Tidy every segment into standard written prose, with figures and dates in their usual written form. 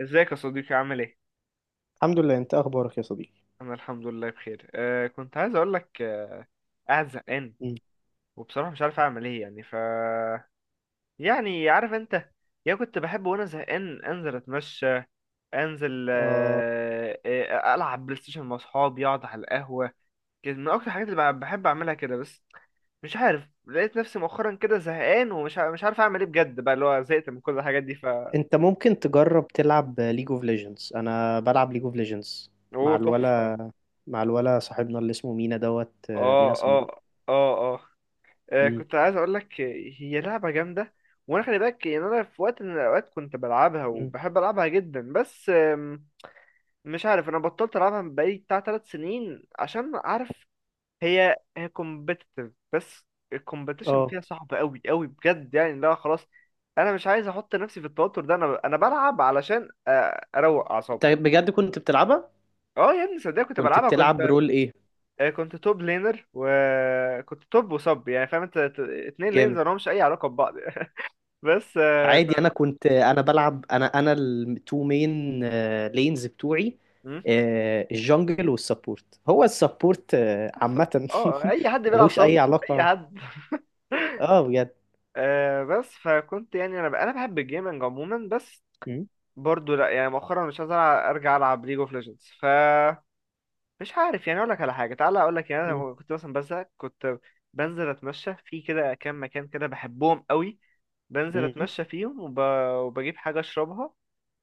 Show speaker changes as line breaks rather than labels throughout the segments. ازيك يا صديقي عامل ايه؟
الحمد لله، انت اخبارك يا صديقي؟
انا الحمد لله بخير، كنت عايز اقول لك، قاعد زهقان
مم.
وبصراحة مش عارف اعمل ايه يعني. يعني عارف انت، يا كنت بحب وانا زهقان انزل اتمشى، انزل
آه،
العب بلاي ستيشن مع اصحابي، اقعد على القهوة كده. من اكتر الحاجات اللي بحب اعملها كده. بس مش عارف، لقيت نفسي مؤخرا كده زهقان ومش مش عارف اعمل ايه بجد بقى، اللي هو زهقت من كل الحاجات دي.
انت ممكن تجرب تلعب ليج اوف ليجندز. انا بلعب ليج اوف ليجندز مع
اوه، تحفة.
الولا مع الولا صاحبنا اللي اسمه مينا دوت، مينا
اه،
سموري.
اه، اه، اه.
مم.
كنت عايز اقول لك، هي لعبه جامده. وانا خلي بالك، يعني انا في وقت من الاوقات كنت بلعبها
مم.
وبحب العبها جدا، بس مش عارف. انا بطلت العبها من بقالي بتاع ثلاث سنين، عشان عارف هي كومبيتيتيف، بس الكومبيتيشن
اه،
فيها صعب قوي قوي بجد. يعني لا، خلاص، انا مش عايز احط نفسي في التوتر ده. انا بلعب علشان اروق
انت
اعصابي.
بجد كنت بتلعبها؟
اه، يا ابني صدق كنت
كنت
بلعبها،
بتلعب
كنت
رول ايه؟
آه، كنت توب لينر وكنت توب وصب، يعني فاهم انت. اتنين لينز
جامد.
مالهمش اي علاقه ببعض. بس
عادي، انا
كنت.
كنت، انا بلعب، انا التو مين، لينز بتوعي.
مم؟
الجنجل والسبورت، هو السبورت
صب.
عامة.
اه، اي حد بيلعب
ملوش
صب،
اي
اي
علاقة.
حد.
اه، بجد.
بس فكنت يعني، انا بحب الجيمنج عموما، بس برضو لا. يعني مؤخرا مش عايز ارجع العب ليج اوف ليجندز. مش عارف. يعني اقول لك على حاجه، تعالى اقول لك، يعني انا
مم.
لما كنت مثلا بزهق، كنت بنزل اتمشى في كده كام مكان كده بحبهم قوي. بنزل
مم.
اتمشى فيهم وبجيب حاجه اشربها.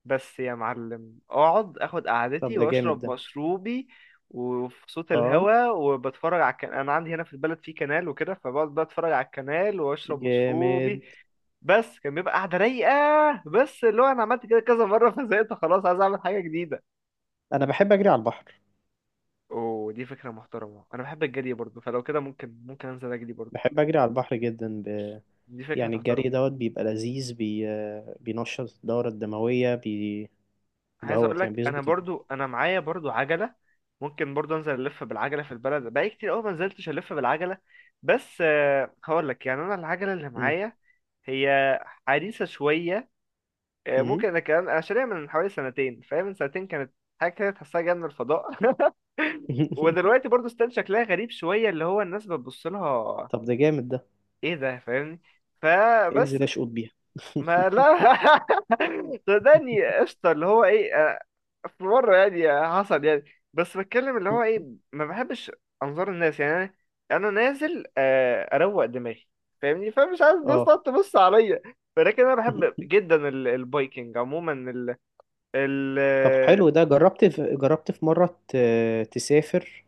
بس يا معلم، اقعد اخد
طب،
قعدتي
ده جامد
واشرب
ده.
مشروبي، وفي صوت
اه،
الهوا، وبتفرج على الكنال. انا عندي هنا في البلد في كنال وكده، فبقعد بقى اتفرج على الكنال واشرب
جامد.
مشروبي. بس كان بيبقى قعده رايقه، بس اللي هو انا عملت كده كذا مره فزهقت، خلاص عايز اعمل حاجه جديده.
انا بحب اجري على البحر.
ودي فكره محترمه، انا بحب الجري برضه، فلو كده ممكن انزل اجري برضه.
بحب اجري على البحر جدا
دي فكره.
يعني، الجري دوت بيبقى لذيذ، بي... آه، بينشط الدورة الدموية.
عايز اقول
دوت، يعني
لك، انا
بيظبط الجسم.
برضو انا معايا برضو عجله. ممكن برضو انزل الف بالعجله في البلد، بقالي كتير قوي ما نزلتش الف بالعجله. بس هقول لك يعني، انا العجله اللي
مم.
معايا هي حديثه شويه.
مم.
ممكن، انا كان شاريها من حوالي سنتين، فاهم، من سنتين كانت حاجه كده تحسها جايه من الفضاء. ودلوقتي برضو ستيل شكلها غريب شويه، اللي هو الناس بتبص لها.
طب، ده جامد ده.
ايه ده، فاهمني؟ فبس.
انزل اشقط بيها.
ما لا. صدقني قشطه، اللي هو ايه، في مرة يعني حصل يعني، بس بتكلم اللي هو ايه، ما بحبش انظار الناس. يعني انا، انا نازل اروق دماغي، فاهمني، فمش عايز الناس
اه.
تقعد تبص عليا. ولكن انا بحب جدا البايكنج عموما. ال ال
طب حلو، ده جربت في مرة تسافر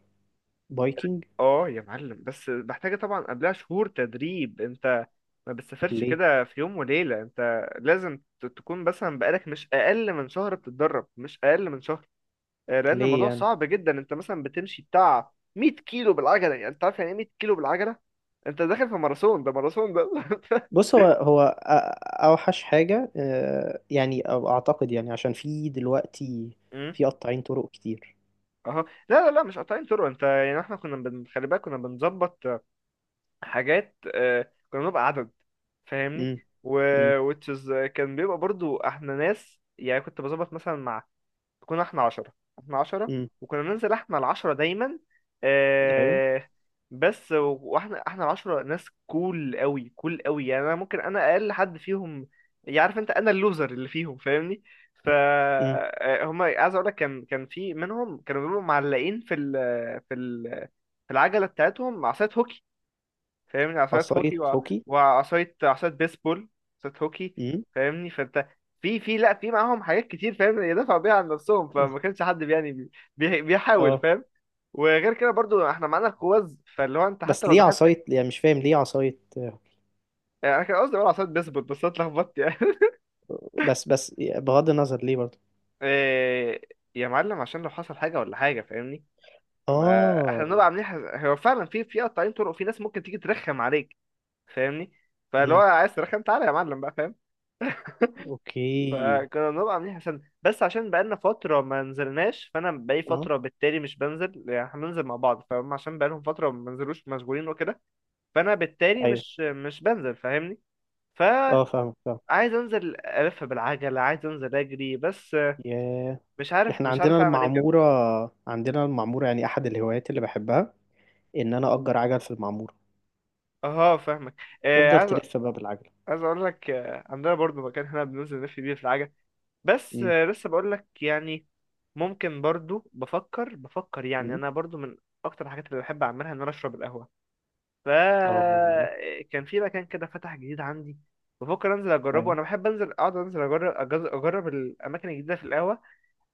بايكنج؟
اه، يا معلم، بس محتاجة طبعا قبلها شهور تدريب. انت ما بتسافرش
ليه؟
كده في يوم وليلة، انت لازم تكون مثلا بقالك مش اقل من شهر بتتدرب، مش اقل من شهر. لان
ليه
الموضوع
يعني؟
صعب جدا. انت مثلا بتمشي بتاع 100 كيلو بالعجله، يعني انت عارف يعني ايه 100 كيلو بالعجله؟ انت داخل في ماراثون، ده ماراثون ده.
بص، هو هو اوحش حاجه، يعني أو اعتقد، يعني عشان في دلوقتي
امم
في قطاعين طرق كتير.
اهو، لا، لا، لا، مش قاطعين طرق. انت يعني احنا كنا خلي بالك كنا بنظبط حاجات، كنا بنبقى عدد، فاهمني.
امم.
و
امم.
which is كان بيبقى برضو احنا ناس يعني، كنت بظبط مثلا مع، كنا احنا عشرة، احنا عشرة،
امم.
وكنا ننزل احنا العشرة دايما.
ايوه.
آه بس واحنا العشرة ناس كول قوي كول قوي. يعني انا ممكن اقل حد فيهم، يعرف انت، انا اللوزر اللي فيهم فاهمني. ف
امم.
آه، هما، عايز اقول لك، كان في منهم كانوا بيبقوا معلقين في ال في العجلة بتاعتهم عصاية هوكي، فاهمني، عصاية
عصايه
هوكي
هوكي؟
وعصاية بيسبول. عصاية هوكي،
امم.
فاهمني. فانت في في لا في معاهم حاجات كتير، فاهم، يدافعوا بيها عن نفسهم، فما كانش حد يعني بيحاول،
اه.
فاهم. وغير كده برضو احنا معانا القوز، فاللي هو انت حتى
بس
لو
ليه
دخلت،
عصايه؟ يعني مش فاهم ليه عصايه.
يعني انا كان قصدي اقول عصاية بيسبول بس أنا اتلخبطت يعني.
بس بغض النظر، ليه برضه؟
إيه، يا معلم عشان لو حصل حاجة ولا حاجة، فاهمني. ما احنا بنبقى
اه.
عاملين هو فعلا في قطاعين طرق، في ناس ممكن تيجي ترخم عليك، فاهمني. فاللي هو
امم.
عايز ترخم، تعالى يا معلم بقى، فاهم.
اوكي.
فكنا بنبقى عاملين حساب. بس عشان بقالنا فترة ما نزلناش، فأنا بقالي
اه.
فترة بالتالي مش بنزل. يعني احنا بننزل مع بعض، فهم عشان بقالهم فترة ما بنزلوش، مشغولين وكده. فأنا بالتالي
ايوه.
مش بنزل، فاهمني.
اه،
فعايز
فاهم، فاهم.
أنزل ألف بالعجلة، عايز أنزل أجري. بس
ياه.
مش عارف
احنا
مش
عندنا
عارف أعمل إيه بجد.
المعموره. عندنا المعموره، يعني احد الهوايات اللي بحبها ان انا اجر عجل في المعموره.
أه، فاهمك. آه،
تفضل
عايز
تلف بقى بالعجلة.
عايز أقول لك، عندنا برضو مكان هنا بننزل نلف بيه في العجل. بس
امم.
لسه بقول لك يعني. ممكن برضو بفكر يعني،
امم.
أنا برضو من أكتر الحاجات اللي بحب أعملها إن أنا أشرب القهوة.
اه.
فكان في مكان كده فتح جديد عندي، بفكر انزل اجربه.
ايوه.
انا بحب انزل اقعد انزل اجرب اجرب الاماكن الجديده في القهوه.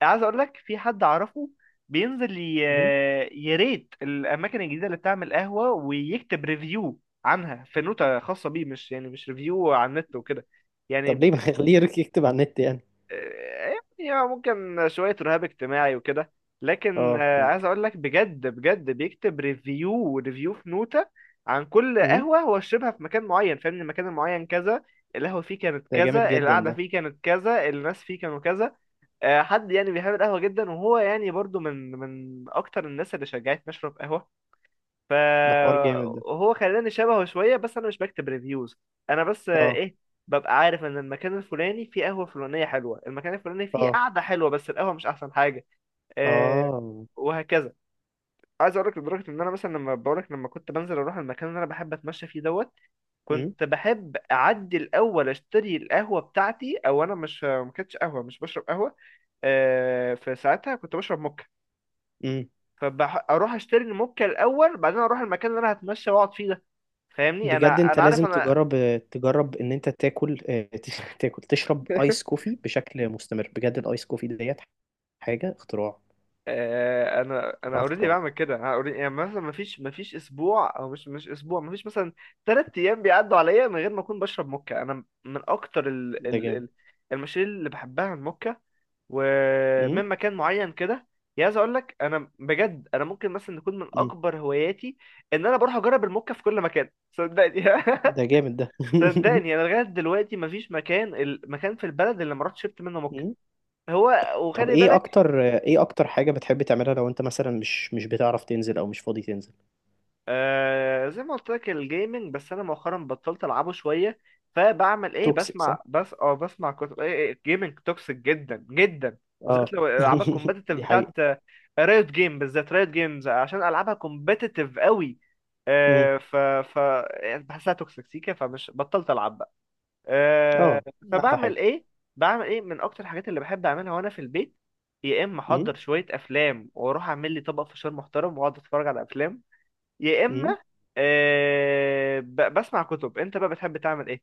عايز اقول لك، في حد اعرفه بينزل
امم.
يريت الاماكن الجديده اللي بتعمل قهوه، ويكتب ريفيو عنها في نوتة خاصه بيه، مش يعني مش ريفيو على النت وكده
طب
يعني.
ليه ما خليه يكتب على النت، يعني؟
يعني هو ممكن شوية رهاب اجتماعي وكده، لكن
اه،
عايز
ممكن.
اقول لك، بجد بجد بيكتب ريفيو في نوتة عن كل
امم.
قهوة هو شربها في مكان معين، فاهم، المكان المعين كذا، القهوة فيه كانت
ده جامد
كذا،
جدا
القعدة
ده.
فيه كانت كذا، الناس فيه كانوا كذا. حد يعني بيحب القهوة جدا، وهو يعني برضو من اكتر الناس اللي شجعتني اشرب قهوة،
ده حوار جامد ده.
فهو خلاني شبهه شوية، بس أنا مش بكتب ريفيوز. أنا بس آه،
اه.
إيه ببقى عارف إن المكان الفلاني فيه قهوة فلانية حلوة، المكان الفلاني فيه
اه.
قعدة حلوة، بس القهوة مش أحسن حاجة. آه.
اه.
وهكذا. عايز أقولك، لدرجة إن أنا مثلا، لما بقولك لما كنت بنزل أروح المكان اللي أنا بحب أتمشى فيه دوت،
امم.
كنت بحب أعدي الأول أشتري القهوة بتاعتي. أو أنا مش، ما كانتش قهوة، مش بشرب قهوة، في ساعتها كنت بشرب موكا.
امم.
فأروح أشتري الموكا الأول، بعدين أروح المكان اللي أنا هتمشى وأقعد فيه ده. فاهمني،
بجد،
انا
انت
انا عارف
لازم
انا.
تجرب، تجرب ان انت تاكل. تاكل، تشرب ايس كوفي بشكل مستمر، بجد الايس كوفي ديت حاجة اختراع.
انا
اختراع،
اوريدي
اختراع.
بعمل كده، انا اوريدي يعني، مثلا مفيش اسبوع او مش اسبوع، مفيش مثلا ثلاث ايام بيعدوا عليا من غير ما اكون بشرب موكا. انا من اكتر ال
ده
ال
جامد.
ال المشاريب اللي بحبها الموكا،
امم.
ومن مكان معين كده. يا، عايز اقول لك، انا بجد، انا ممكن مثلا يكون من
امم.
اكبر هواياتي ان انا بروح اجرب الموكا في كل مكان، صدقني.
ده جامد ده.
صدقني، انا لغايه دلوقتي مفيش المكان في البلد اللي ما رحتش شربت منه موكا. هو،
طب،
وخلي بالك،
ايه اكتر حاجة بتحب تعملها؟ لو انت مثلا مش بتعرف تنزل او مش فاضي تنزل.
زي ما قلت لك، الجيمنج. بس انا مؤخرا بطلت العبه شويه، فبعمل ايه؟
توكسيك، صح.
بسمع. بس بسمع كتب. ايه، الجيمنج توكسيك جدا جدا،
اه.
بالذات لو العاب الكومبetitive
دي
بتاعت
حقيقة.
رايوت جيم، بالذات رايوت جيمز عشان العابها كومبetitive قوي.
امم.
آه ف ف يعني بحسها توكسيك سيكا، فمش، بطلت العب بقى. آه
اه. احلى
فبعمل
حاجة.
ايه؟ بعمل ايه من اكتر الحاجات اللي بحب اعملها وانا في البيت. يا اما
امم.
احضر شويه افلام واروح اعمل لي طبق فشار محترم واقعد اتفرج على افلام، يا
امم.
اما بسمع كتب. انت بقى بتحب تعمل ايه؟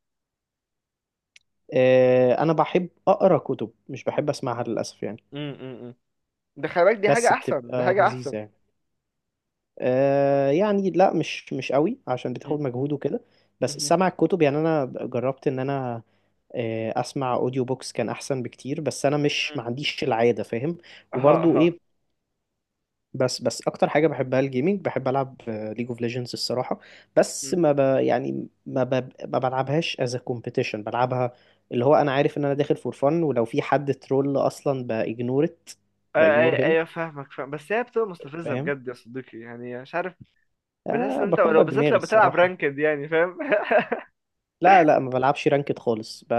آه، انا بحب اقرا كتب، مش بحب اسمعها للاسف، يعني.
مم، مم، مم. ده خلي بالك دي حاجه
بس
احسن، دي
بتبقى
حاجه احسن.
لذيذة، يعني. آه يعني لا، مش قوي، عشان
مم،
بتاخد مجهود وكده. بس
مم،
سمع الكتب، يعني انا جربت ان انا اسمع اوديو بوكس، كان احسن بكتير، بس انا مش، ما
مم،
عنديش العاده، فاهم.
اها،
وبرضو،
اها.
ايه. بس اكتر حاجه بحبها الجيمنج، بحب العب ليج اوف ليجندز الصراحه. بس،
مم.
ما يعني ما ما بلعبهاش از كومبيتيشن، بلعبها. اللي هو، انا عارف ان انا داخل فور فن، ولو في حد ترول اصلا باجنورت، باجنور
ايوه،
هيم،
أيوة، فاهمك فاهم. بس هي بتبقى مستفزه
فاهم.
بجد يا صديقي، يعني مش عارف. بتحس
آه،
ان انت،
بكبر
لو بالذات
دماغي
لو بتلعب
الصراحه.
رانكد يعني، فاهم.
لا، لا، ما بلعبش رانكد خالص.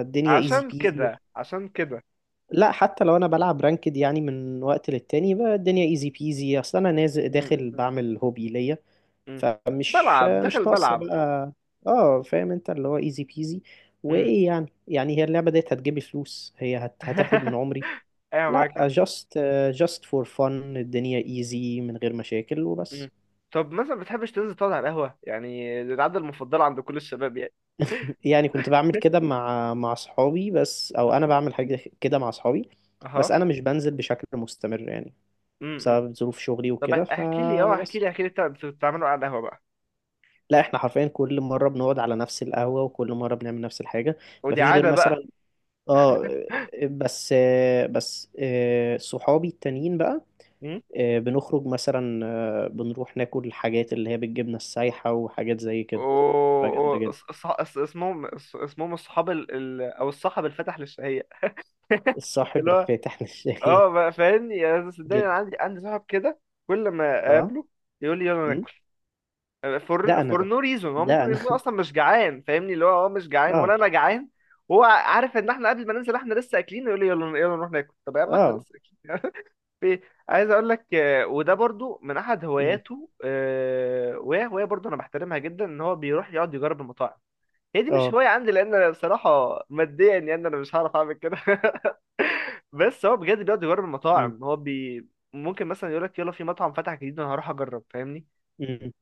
الدنيا ايزي
عشان
بيزي.
كده، عشان كده.
لا، حتى لو انا بلعب رانكد يعني من وقت للتاني، بقى الدنيا ايزي بيزي اصلا، انا نازل
مم،
داخل
مم،
بعمل هوبي ليا.
مم.
فمش
بلعب داخل
مش ناقصه
بلعب.
بقى. اه، فاهم، انت اللي هو ايزي بيزي.
مم.
وايه يعني، هي اللعبه ديت هتجيب لي فلوس؟ هي هتاخد من عمري.
ايوه معاك
لا،
حق.
جاست، جاست فور فن، الدنيا ايزي من غير مشاكل وبس.
مم. طب مثلا بتحبش تنزل تقعد على القهوه يعني؟ دي العاده المفضله عند كل الشباب
يعني كنت بعمل كده مع اصحابي بس، او انا
يعني.
بعمل حاجه كده مع اصحابي. بس
اها.
انا مش بنزل بشكل مستمر، يعني،
امم.
بسبب ظروف شغلي
طب
وكده،
احكي لي اه احكي
فبس.
لي احكي لي انت بتعملوا على القهوه بقى.
لا، احنا حرفيا كل مره بنقعد على نفس القهوه وكل مره بنعمل نفس الحاجه.
ودي
مفيش غير
عاده بقى.
مثلا. اه. بس. بس صحابي التانيين بقى،
مم.
بنخرج مثلا، بنروح ناكل الحاجات اللي هي بالجبنة السايحة وحاجات زي كده،
و...
بقى جامدة جدا.
اسمهم الصحاب او الصحب الفتح للشهيه،
الصاحب
اللي هو
الفاتح للشاي.
اه بقى فاهمني. يا، صدقني
جامد.
انا عندي صاحب كده، كل ما
اه.
اقابله يقول لي يلا
أمم.
ناكل، فور
ده انا
فور
ده.
نو ريزون. هو
ده
ممكن
انا.
يكون اصلا مش جعان، فاهمني، اللي هو مش جعان
اه.
ولا انا جعان. هو عارف ان احنا قبل ما ننزل احنا لسه اكلين، يقول لي يلا يلا نروح ناكل. طب يا عم احنا
اه.
لسه اكلين. في، عايز اقول لك، وده برضو من احد
أمم.
هواياته، وهي هوايه برضو انا بحترمها جدا، ان هو بيروح يقعد يجرب المطاعم. هي دي مش
اه.
هوايه عندي لان انا بصراحه ماديا يعني انا مش هعرف اعمل كده. بس هو بجد بيقعد يجرب
أمم.
المطاعم. هو ممكن مثلا يقول لك يلا، في مطعم فتح جديد، انا هروح اجرب، فاهمني.
أمم.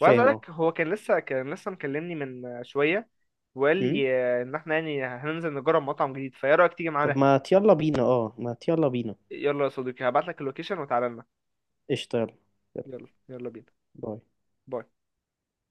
وعايز
فاهم،
اقول
اه.
لك، هو كان لسه مكلمني من شويه، وقال
أمم.
لي ان احنا يعني هننزل نجرب مطعم جديد، فايه رايك تيجي
طب
معانا؟
ما يلا بينا، اه، ما يلا بينا.
يلا يا صديقي، هبعت لك اللوكيشن وتعالى لنا.
قشطة، يلا. يلا.
يلا يلا بينا.
باي.
باي.